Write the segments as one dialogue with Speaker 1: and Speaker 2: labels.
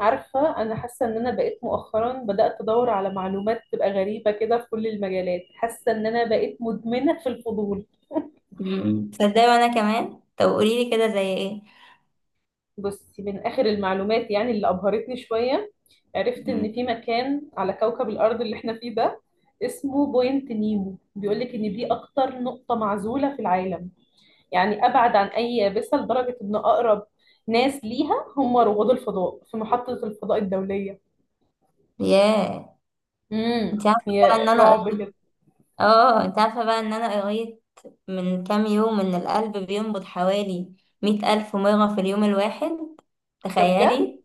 Speaker 1: عارفة أنا حاسة إن أنا بقيت مؤخرا بدأت أدور على معلومات تبقى غريبة كده في كل المجالات، حاسة إن أنا بقيت مدمنة في الفضول.
Speaker 2: مم. تصدقي وانا كمان، طب قولي لي كده زي ايه؟
Speaker 1: بصي، من آخر المعلومات يعني اللي أبهرتني شوية، عرفت
Speaker 2: مم.
Speaker 1: إن في مكان على كوكب الأرض اللي إحنا فيه ده اسمه بوينت نيمو. بيقولك إن دي أكتر نقطة معزولة في العالم، يعني أبعد عن أي يابسة لدرجة إن أقرب ناس ليها هم رواد الفضاء في محطة الفضاء الدولية.
Speaker 2: ياه انت عارفه بقى ان
Speaker 1: هي
Speaker 2: انا
Speaker 1: رعب كده.
Speaker 2: اه انت عارفه بقى ان انا قريت من كام يوم ان القلب بينبض حوالي 100 ألف مره في اليوم الواحد،
Speaker 1: ده بجد
Speaker 2: تخيلي.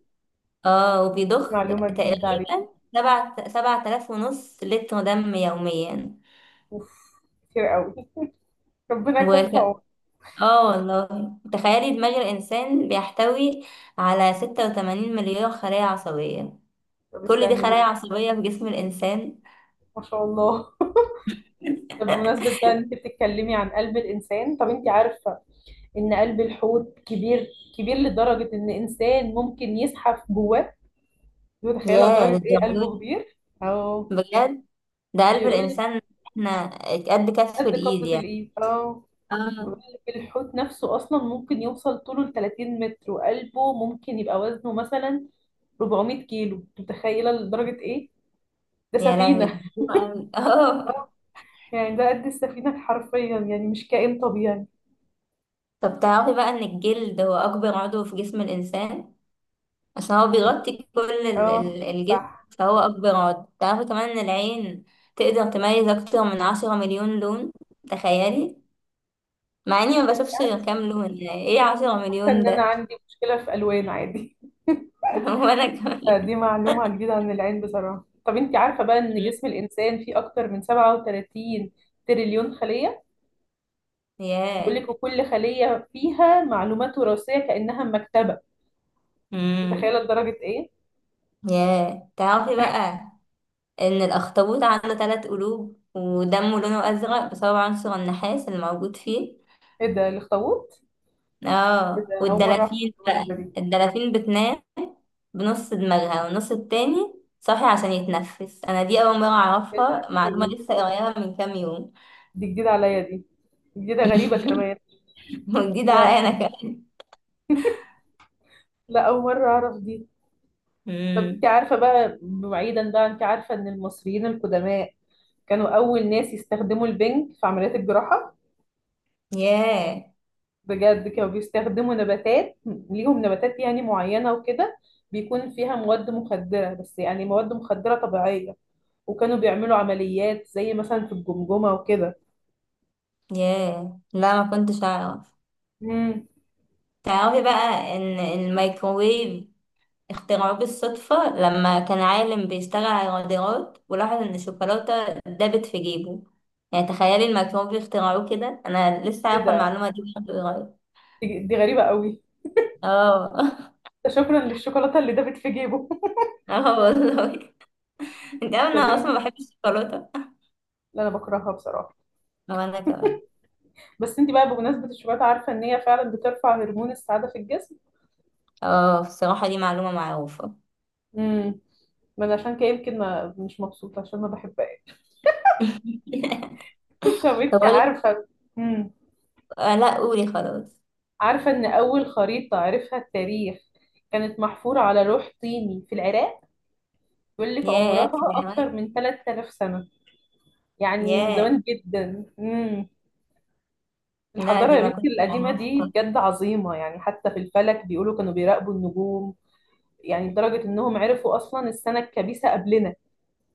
Speaker 2: اه وبيضخ
Speaker 1: معلومة جديدة.
Speaker 2: تقريبا سبعة آلاف ونص لتر دم يوميا.
Speaker 1: اوف، كتير قوي ربنا يكون
Speaker 2: وك...
Speaker 1: في عونك.
Speaker 2: اه والله. تخيلي دماغ الإنسان بيحتوي على 86 مليار خلايا عصبية.
Speaker 1: طب
Speaker 2: كل دي
Speaker 1: استني
Speaker 2: خلايا
Speaker 1: بقى.
Speaker 2: عصبية في جسم الإنسان.
Speaker 1: ما شاء الله. طب بمناسبة بقى إن انت بتتكلمي عن قلب الانسان، طب انت عارفة ان قلب الحوت كبير كبير لدرجة ان انسان ممكن يزحف جواه؟ متخيلة
Speaker 2: ياه
Speaker 1: لدرجة ايه
Speaker 2: للدرجة
Speaker 1: قلبه
Speaker 2: دي،
Speaker 1: كبير؟ اه،
Speaker 2: بجد. ده قلب
Speaker 1: بيقول لك
Speaker 2: الإنسان احنا قد كف
Speaker 1: قد
Speaker 2: الإيد
Speaker 1: قبضة
Speaker 2: يعني.
Speaker 1: الايد. اه، بيقول
Speaker 2: اه.
Speaker 1: لك الحوت نفسه اصلا ممكن يوصل طوله ل 30 متر، وقلبه ممكن يبقى وزنه مثلا 400 كيلو. متخيلة لدرجة ايه؟ ده
Speaker 2: يا لهوي ده
Speaker 1: سفينة.
Speaker 2: كتير أوي اه.
Speaker 1: يعني ده قد السفينة حرفيا، يعني مش كائن طبيعي.
Speaker 2: طب تعرفي بقى إن الجلد هو أكبر عضو في جسم الإنسان، عشان هو بيغطي كل
Speaker 1: اه،
Speaker 2: الجسم.
Speaker 1: صح.
Speaker 2: فهو أكبر عضو. تعرفي كمان إن العين تقدر تميز أكتر من 10 مليون لون، تخيلي. مع إني ما بشوفش غير كام لون، يعني إيه عشرة
Speaker 1: حاسة
Speaker 2: مليون
Speaker 1: ان انا
Speaker 2: ده؟
Speaker 1: عندي مشكلة في الوان عادي.
Speaker 2: وأنا
Speaker 1: فدي
Speaker 2: كمان.
Speaker 1: معلومة جديدة عن العين بصراحة. طب انت عارفة بقى ان جسم الانسان فيه اكتر من 37 تريليون خلية؟ بيقول
Speaker 2: ياه،
Speaker 1: لك وكل خلية فيها معلومات وراثية كأنها مكتبة. متخيلة
Speaker 2: امم،
Speaker 1: لدرجة ايه؟
Speaker 2: ياه. تعرفي بقى إن الأخطبوط عنده 3 قلوب ودمه لونه أزرق بسبب عنصر النحاس اللي موجود فيه.
Speaker 1: ايه ده الاخطبوط؟ ايه
Speaker 2: اه،
Speaker 1: ده، اول مرة اعرف
Speaker 2: والدلافين
Speaker 1: المعلومة
Speaker 2: بقى،
Speaker 1: الجديدة دي.
Speaker 2: الدلافين بتنام بنص دماغها والنص التاني صاحي عشان يتنفس. أنا دي أول مرة
Speaker 1: ايه ده،
Speaker 2: أعرفها،
Speaker 1: في
Speaker 2: معلومة
Speaker 1: ايه؟
Speaker 2: لسه قريبة من كام يوم.
Speaker 1: دي جديدة عليا دي، جديدة غريبة كمان.
Speaker 2: وجديدة عليا
Speaker 1: لا
Speaker 2: أنا كمان.
Speaker 1: لا، اول مرة اعرف دي. طب انت
Speaker 2: مم.
Speaker 1: عارفة بقى، بعيدا بقى، انت عارفة ان المصريين القدماء كانوا أول ناس يستخدموا البنج في عمليات الجراحة؟
Speaker 2: ياه،
Speaker 1: بجد كانوا بيستخدموا نباتات، ليهم نباتات يعني معينة وكده بيكون فيها مواد مخدرة، بس يعني مواد مخدرة طبيعية. وكانوا بيعملوا عمليات زي مثلا في الجمجمة وكده.
Speaker 2: ياه، لا ما كنتش أعرف.
Speaker 1: امم
Speaker 2: تعرفي بقى إن الميكروويف اخترعوه بالصدفة، لما كان عالم بيشتغل على الرادارات ولاحظ إن الشوكولاتة دابت في جيبه. يعني تخيلي الميكروب بيخترعوه كده. أنا لسه
Speaker 1: ايه
Speaker 2: عارفة
Speaker 1: ده،
Speaker 2: المعلومة دي لحد قريب.
Speaker 1: دي غريبة قوي.
Speaker 2: اه
Speaker 1: ده شكرا للشوكولاتة اللي دابت في جيبه.
Speaker 2: اه والله. انت عارفة إن
Speaker 1: طب
Speaker 2: أنا
Speaker 1: انت،
Speaker 2: أصلا بحب الشوكولاتة.
Speaker 1: لا انا بكرهها بصراحة.
Speaker 2: وأنا كمان.
Speaker 1: بس انت بقى، بمناسبة الشوكولاتة، عارفة ان هي فعلا بترفع هرمون السعادة في الجسم؟
Speaker 2: اه، بصراحة دي معلومة معروفة.
Speaker 1: امم ما انا عشان كده يمكن ما مش مبسوطه عشان ما بحبهاش. طب انت
Speaker 2: طب أقول.
Speaker 1: عارفه، امم
Speaker 2: آه لا، قولي خلاص.
Speaker 1: عارفه ان اول خريطه عرفها التاريخ كانت محفوره على لوح طيني في العراق؟ بيقول لك
Speaker 2: ياه.
Speaker 1: عمرها اكتر من 3000 سنه، يعني من
Speaker 2: ياه،
Speaker 1: زمان جدا.
Speaker 2: لا
Speaker 1: الحضاره
Speaker 2: دي
Speaker 1: يا
Speaker 2: ما
Speaker 1: بنتي
Speaker 2: كنت
Speaker 1: القديمه دي
Speaker 2: أعرفها.
Speaker 1: بجد عظيمه، يعني حتى في الفلك بيقولوا كانوا بيراقبوا النجوم، يعني لدرجه انهم عرفوا اصلا السنه الكبيسه قبلنا.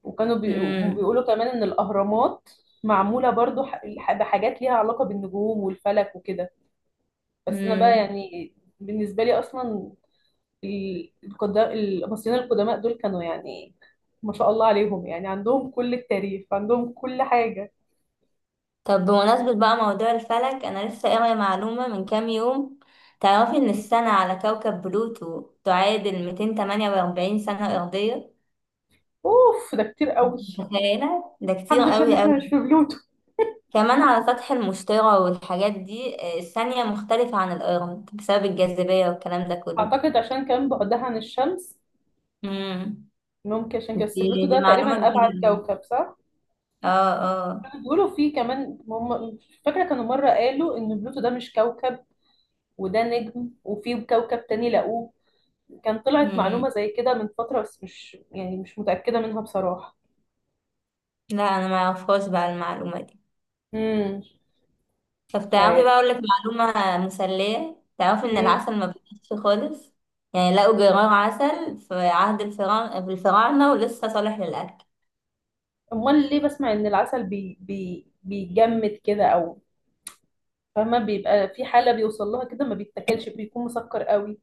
Speaker 1: وكانوا بي... بيقولوا كمان ان الاهرامات معموله برضو بحاجات ليها علاقه بالنجوم والفلك وكده. بس انا بقى
Speaker 2: امم.
Speaker 1: يعني، بالنسبه لي اصلا، المصريين القدماء دول كانوا يعني ما شاء الله عليهم، يعني عندهم كل التاريخ، عندهم كل حاجه.
Speaker 2: طب بمناسبة بقى موضوع الفلك، أنا لسه قارية معلومة من كام يوم. تعرفي إن السنة على كوكب بلوتو تعادل 248 سنة أرضية؟
Speaker 1: اوف، ده كتير قوي.
Speaker 2: متخيلة ده كتير
Speaker 1: الحمد لله ان
Speaker 2: قوي
Speaker 1: احنا مش
Speaker 2: قوي.
Speaker 1: في بلوتو.
Speaker 2: كمان على سطح المشتري والحاجات دي الثانية مختلفة عن الأرض بسبب الجاذبية والكلام ده كله.
Speaker 1: اعتقد عشان كان بعدها عن الشمس،
Speaker 2: امم.
Speaker 1: ممكن عشان كده. بس
Speaker 2: دي,
Speaker 1: بلوتو
Speaker 2: دي
Speaker 1: ده
Speaker 2: معلومة
Speaker 1: تقريبا ابعد
Speaker 2: جديدة.
Speaker 1: كوكب، صح؟
Speaker 2: اه، اه.
Speaker 1: بيقولوا فيه كمان هم، فاكره كانوا مره قالوا ان بلوتو ده مش كوكب وده نجم، وفي كوكب تاني لقوه. كان طلعت
Speaker 2: امم،
Speaker 1: معلومة زي كده من فترة، بس مش يعني مش متأكدة منها بصراحة.
Speaker 2: لا أنا ما أعرفهاش بقى المعلومة دي.
Speaker 1: امم
Speaker 2: طب
Speaker 1: مش
Speaker 2: تعرفي
Speaker 1: عارف.
Speaker 2: بقى، اقول لك معلومه مسليه. تعرفي ان
Speaker 1: امم
Speaker 2: العسل ما بيتنسيش خالص، يعني لقوا جرار عسل في عهد الفراعنه، في الفراعنه ولسه صالح للاكل.
Speaker 1: امال ليه بسمع ان العسل بي بي بيجمد كده؟ او فما بيبقى في حالة بيوصل لها كده ما بيتاكلش، بيكون مسكر قوي.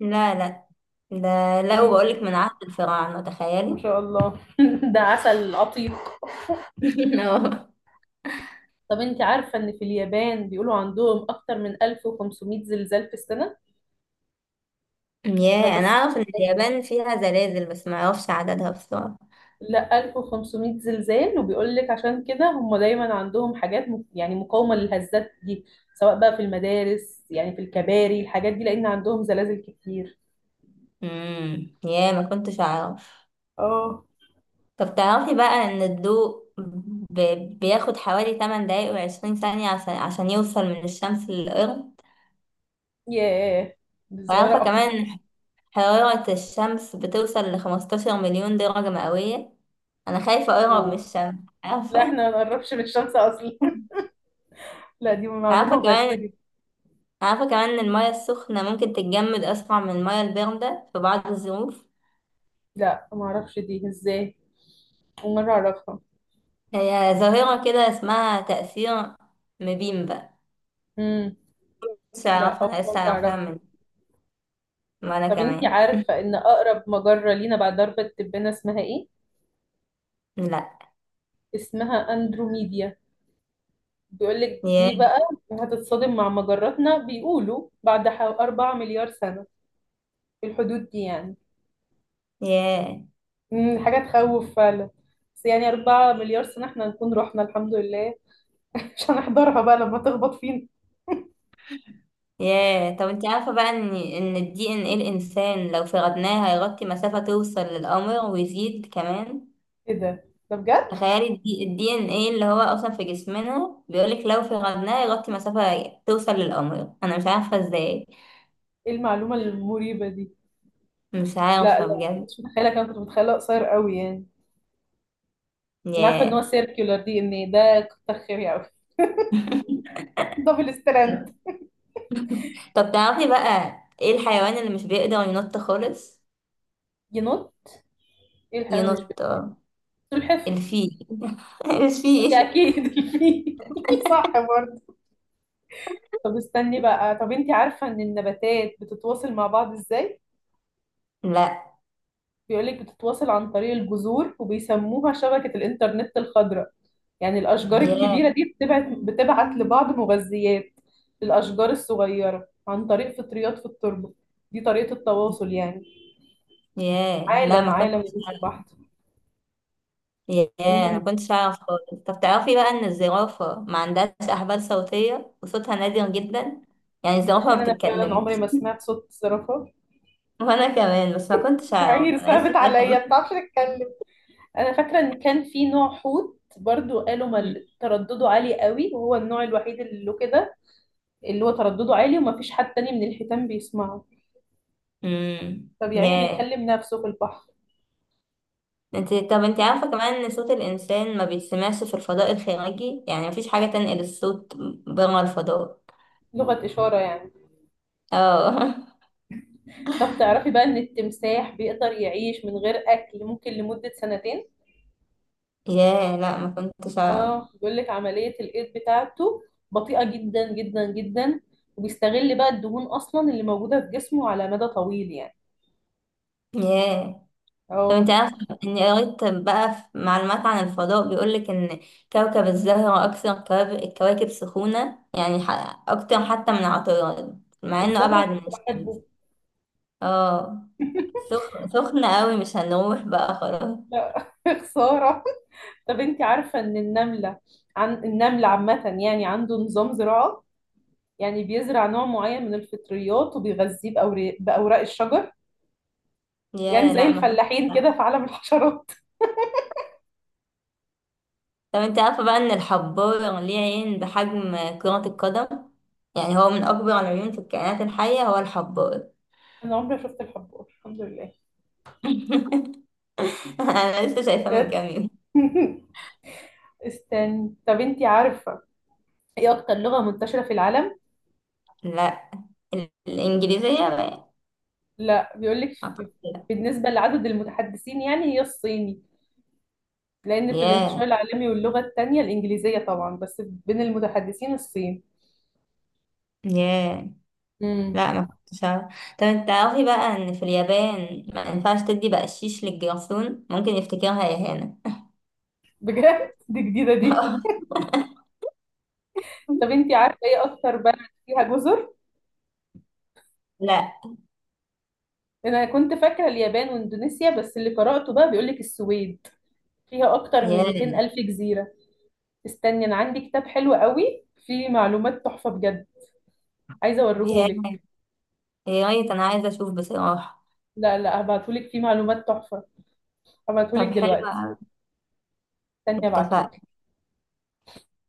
Speaker 2: لا لا، ده لقوا
Speaker 1: امم
Speaker 2: بقول لك من عهد الفراعنه،
Speaker 1: ما
Speaker 2: تخيلي.
Speaker 1: شاء الله. ده عسل عتيق.
Speaker 2: اه.
Speaker 1: طب انت عارفة ان في اليابان بيقولوا عندهم اكتر من 1500 زلزال في السنة؟
Speaker 2: ياه، انا
Speaker 1: فبس
Speaker 2: اعرف ان
Speaker 1: بس
Speaker 2: اليابان فيها زلازل، بس ما اعرفش عددها بصراحه.
Speaker 1: لا 1500 زلزال. وبيقول لك عشان كده هم دايما عندهم حاجات يعني مقاومة للهزات دي، سواء بقى في المدارس يعني في الكباري الحاجات دي، لأن عندهم زلازل كتير.
Speaker 2: امم، ياه ما كنتش اعرف.
Speaker 1: اه.
Speaker 2: طب تعرفي بقى ان الضوء ب... بياخد حوالي 8 دقايق و20 ثانيه عشان عشان يوصل من الشمس للارض.
Speaker 1: ياه، دي صغيرة
Speaker 2: وعارفه
Speaker 1: أوي.
Speaker 2: كمان حرارة الشمس بتوصل لـ15 مليون درجة مئوية. أنا خايفة أقرب من
Speaker 1: أوه.
Speaker 2: الشمس.
Speaker 1: لا
Speaker 2: عارفة
Speaker 1: احنا ما نقربش من الشمس أصلا. لا دي معلومة
Speaker 2: عارفة
Speaker 1: غريبة
Speaker 2: كمان
Speaker 1: جدا.
Speaker 2: عارفة كمان إن المياه السخنة ممكن تتجمد أسرع من المياه الباردة في بعض الظروف.
Speaker 1: لا ما أعرفش دي ازاي، أول مرة أعرفها.
Speaker 2: هي ظاهرة كده اسمها تأثير مبيم بقى.
Speaker 1: امم
Speaker 2: مش
Speaker 1: لا
Speaker 2: عارفة، أنا
Speaker 1: أول مرة
Speaker 2: لسه عارفاها
Speaker 1: أعرفها.
Speaker 2: وأنا
Speaker 1: طب انتي
Speaker 2: كمان.
Speaker 1: عارفة إن أقرب مجرة لينا بعد درب التبانة اسمها إيه؟
Speaker 2: لأ.
Speaker 1: اسمها أندروميدا. بيقول لك دي
Speaker 2: ياه،
Speaker 1: بقى هتتصادم مع مجراتنا، بيقولوا بعد 4 مليار سنة، في الحدود دي يعني.
Speaker 2: ياه،
Speaker 1: حاجة تخوف فعلا. بس يعني 4 مليار سنة احنا نكون رحنا الحمد لله. مش هنحضرها بقى لما تخبط فينا.
Speaker 2: ياه. طب انت عارفة بقى ان ان الدي ان ايه الانسان لو فردناه هيغطي مسافة توصل للقمر ويزيد كمان.
Speaker 1: ايه ده، ده بجد؟
Speaker 2: تخيلي الدي ان ايه اللي هو اصلا في جسمنا، بيقولك لو في غضنها يغطي مسافة توصل للقمر. انا مش عارفة ازاي.
Speaker 1: ايه المعلومة المريبة دي؟
Speaker 2: مش
Speaker 1: لا
Speaker 2: عارفة
Speaker 1: لا،
Speaker 2: بجد.
Speaker 1: مش متخيلة، كان كنت متخيلة قصير قوي يعني. انا عارفة ان هو
Speaker 2: ياه.
Speaker 1: سيركيولار دي ان ده، كتر خيري قوي. دبل ستراند.
Speaker 2: طب تعرفي بقى ايه الحيوان اللي مش بيقدر ينط خالص؟
Speaker 1: ينط، ايه الحيوان اللي مش
Speaker 2: ينط،
Speaker 1: بينط؟
Speaker 2: اه.
Speaker 1: سلحفاة؟
Speaker 2: الفيل.
Speaker 1: هي
Speaker 2: الفيل.
Speaker 1: اكيد الفيل صح برضه. طب استني بقى، طب انت عارفة ان النباتات بتتواصل مع بعض ازاي؟
Speaker 2: لا.
Speaker 1: بيقولك بتتواصل عن طريق الجذور، وبيسموها شبكة الانترنت الخضراء. يعني الأشجار
Speaker 2: ياه،
Speaker 1: الكبيرة دي بتبعت لبعض مغذيات للأشجار الصغيرة عن طريق فطريات في التربة. دي طريقة التواصل يعني.
Speaker 2: ياه، لا
Speaker 1: عالم
Speaker 2: ما
Speaker 1: عالم يا
Speaker 2: كنتش
Speaker 1: بنت
Speaker 2: أعرف.
Speaker 1: بحت.
Speaker 2: ياه، انا
Speaker 1: امم
Speaker 2: ما كنتش اعرف خالص. طب تعرفي بقى ان الزرافة ما عندهاش احبال صوتية وصوتها نادر جدا. يعني الزرافة
Speaker 1: تخيل
Speaker 2: ما
Speaker 1: انا فعلا عمري ما
Speaker 2: بتتكلمش.
Speaker 1: سمعت صوت الزرافة.
Speaker 2: وانا كمان، بس ما كنتش
Speaker 1: يا
Speaker 2: اعرف
Speaker 1: عيني
Speaker 2: انا لسه
Speaker 1: صعبت
Speaker 2: شايفه.
Speaker 1: عليا، ما بتعرفش تتكلم. انا فاكره ان كان في نوع حوت برضو، قالوا تردده عالي قوي، وهو النوع الوحيد اللي له كده، اللي هو تردده عالي وما فيش حد تاني من الحيتان بيسمعه.
Speaker 2: امم.
Speaker 1: طب يعني
Speaker 2: ياه.
Speaker 1: بيكلم نفسه في البحر.
Speaker 2: طب انت عارفه كمان ان صوت الانسان ما بيتسمعش في الفضاء الخارجي، يعني مفيش حاجه تنقل الصوت بره الفضاء.
Speaker 1: لغة إشارة يعني.
Speaker 2: اه.
Speaker 1: طب تعرفي بقى إن التمساح بيقدر يعيش من غير أكل ممكن لمدة سنتين؟
Speaker 2: ياه، لا ما كنتش اعرف.
Speaker 1: اه، بيقول لك عملية الإيض بتاعته بطيئة جدا جدا جدا، وبيستغل بقى الدهون أصلا اللي موجودة في جسمه على مدى طويل يعني.
Speaker 2: ياه. طب انت
Speaker 1: اه.
Speaker 2: عارفه، اني قريت بقى في معلومات عن الفضاء، بيقولك ان كوكب الزهره اكثر الكواكب سخونه، يعني اكتر حتى من عطارد مع انه
Speaker 1: الزهرة
Speaker 2: ابعد من
Speaker 1: كنت بحبه.
Speaker 2: الشمس. اه، سخن سخن قوي، مش هنروح بقى خلاص.
Speaker 1: لا خسارة. طب انت عارفة ان النملة، عن النمل عامة يعني، عنده نظام زراعة؟ يعني بيزرع نوع معين من الفطريات وبيغذيه بأوراق الشجر. يعني
Speaker 2: يا،
Speaker 1: زي
Speaker 2: لا ما
Speaker 1: الفلاحين
Speaker 2: فيهوش.
Speaker 1: كده في عالم الحشرات.
Speaker 2: طب انت عارفه بقى ان الحبار ليه عين بحجم كرة القدم. يعني هو من اكبر العيون في الكائنات الحية، هو الحبار.
Speaker 1: انا عمري ما شفت الحبار الحمد لله.
Speaker 2: انا لسه شايفاه من
Speaker 1: بجد.
Speaker 2: كام يوم.
Speaker 1: استني، طب انت عارفة ايه اكتر لغة منتشرة في العالم؟
Speaker 2: لا، الانجليزية بقى.
Speaker 1: لا،
Speaker 2: أعتقد لا.
Speaker 1: بالنسبة لعدد المتحدثين يعني هي الصيني، لأن في الانتشار
Speaker 2: ياه،
Speaker 1: العالمي، واللغة التانية الإنجليزية طبعا، بس بين المتحدثين الصين.
Speaker 2: ياه،
Speaker 1: مم.
Speaker 2: لا ما كنتش عارفة. طب انت تعرفي بقى ان في اليابان ما ينفعش تدي بقشيش للجرسون، ممكن يفتكرها اهانة.
Speaker 1: بجد. دي جديدة دي. طب انتي عارفة ايه اكتر بلد فيها جزر؟
Speaker 2: لا.
Speaker 1: انا كنت فاكرة اليابان واندونيسيا، بس اللي قرأته بقى بيقولك السويد فيها اكتر من
Speaker 2: ياه.
Speaker 1: 200 الف جزيرة. استني انا عندي كتاب حلو قوي فيه معلومات تحفة بجد، عايزة
Speaker 2: يا
Speaker 1: اوريهولك.
Speaker 2: يا ريت، انا عايزه اشوف بصراحه.
Speaker 1: لا لا هبعتهولك، فيه معلومات تحفة، هبعتهولك
Speaker 2: طب حلو
Speaker 1: دلوقتي.
Speaker 2: أوي.
Speaker 1: استني
Speaker 2: اتفقنا.
Speaker 1: ابعتهولك.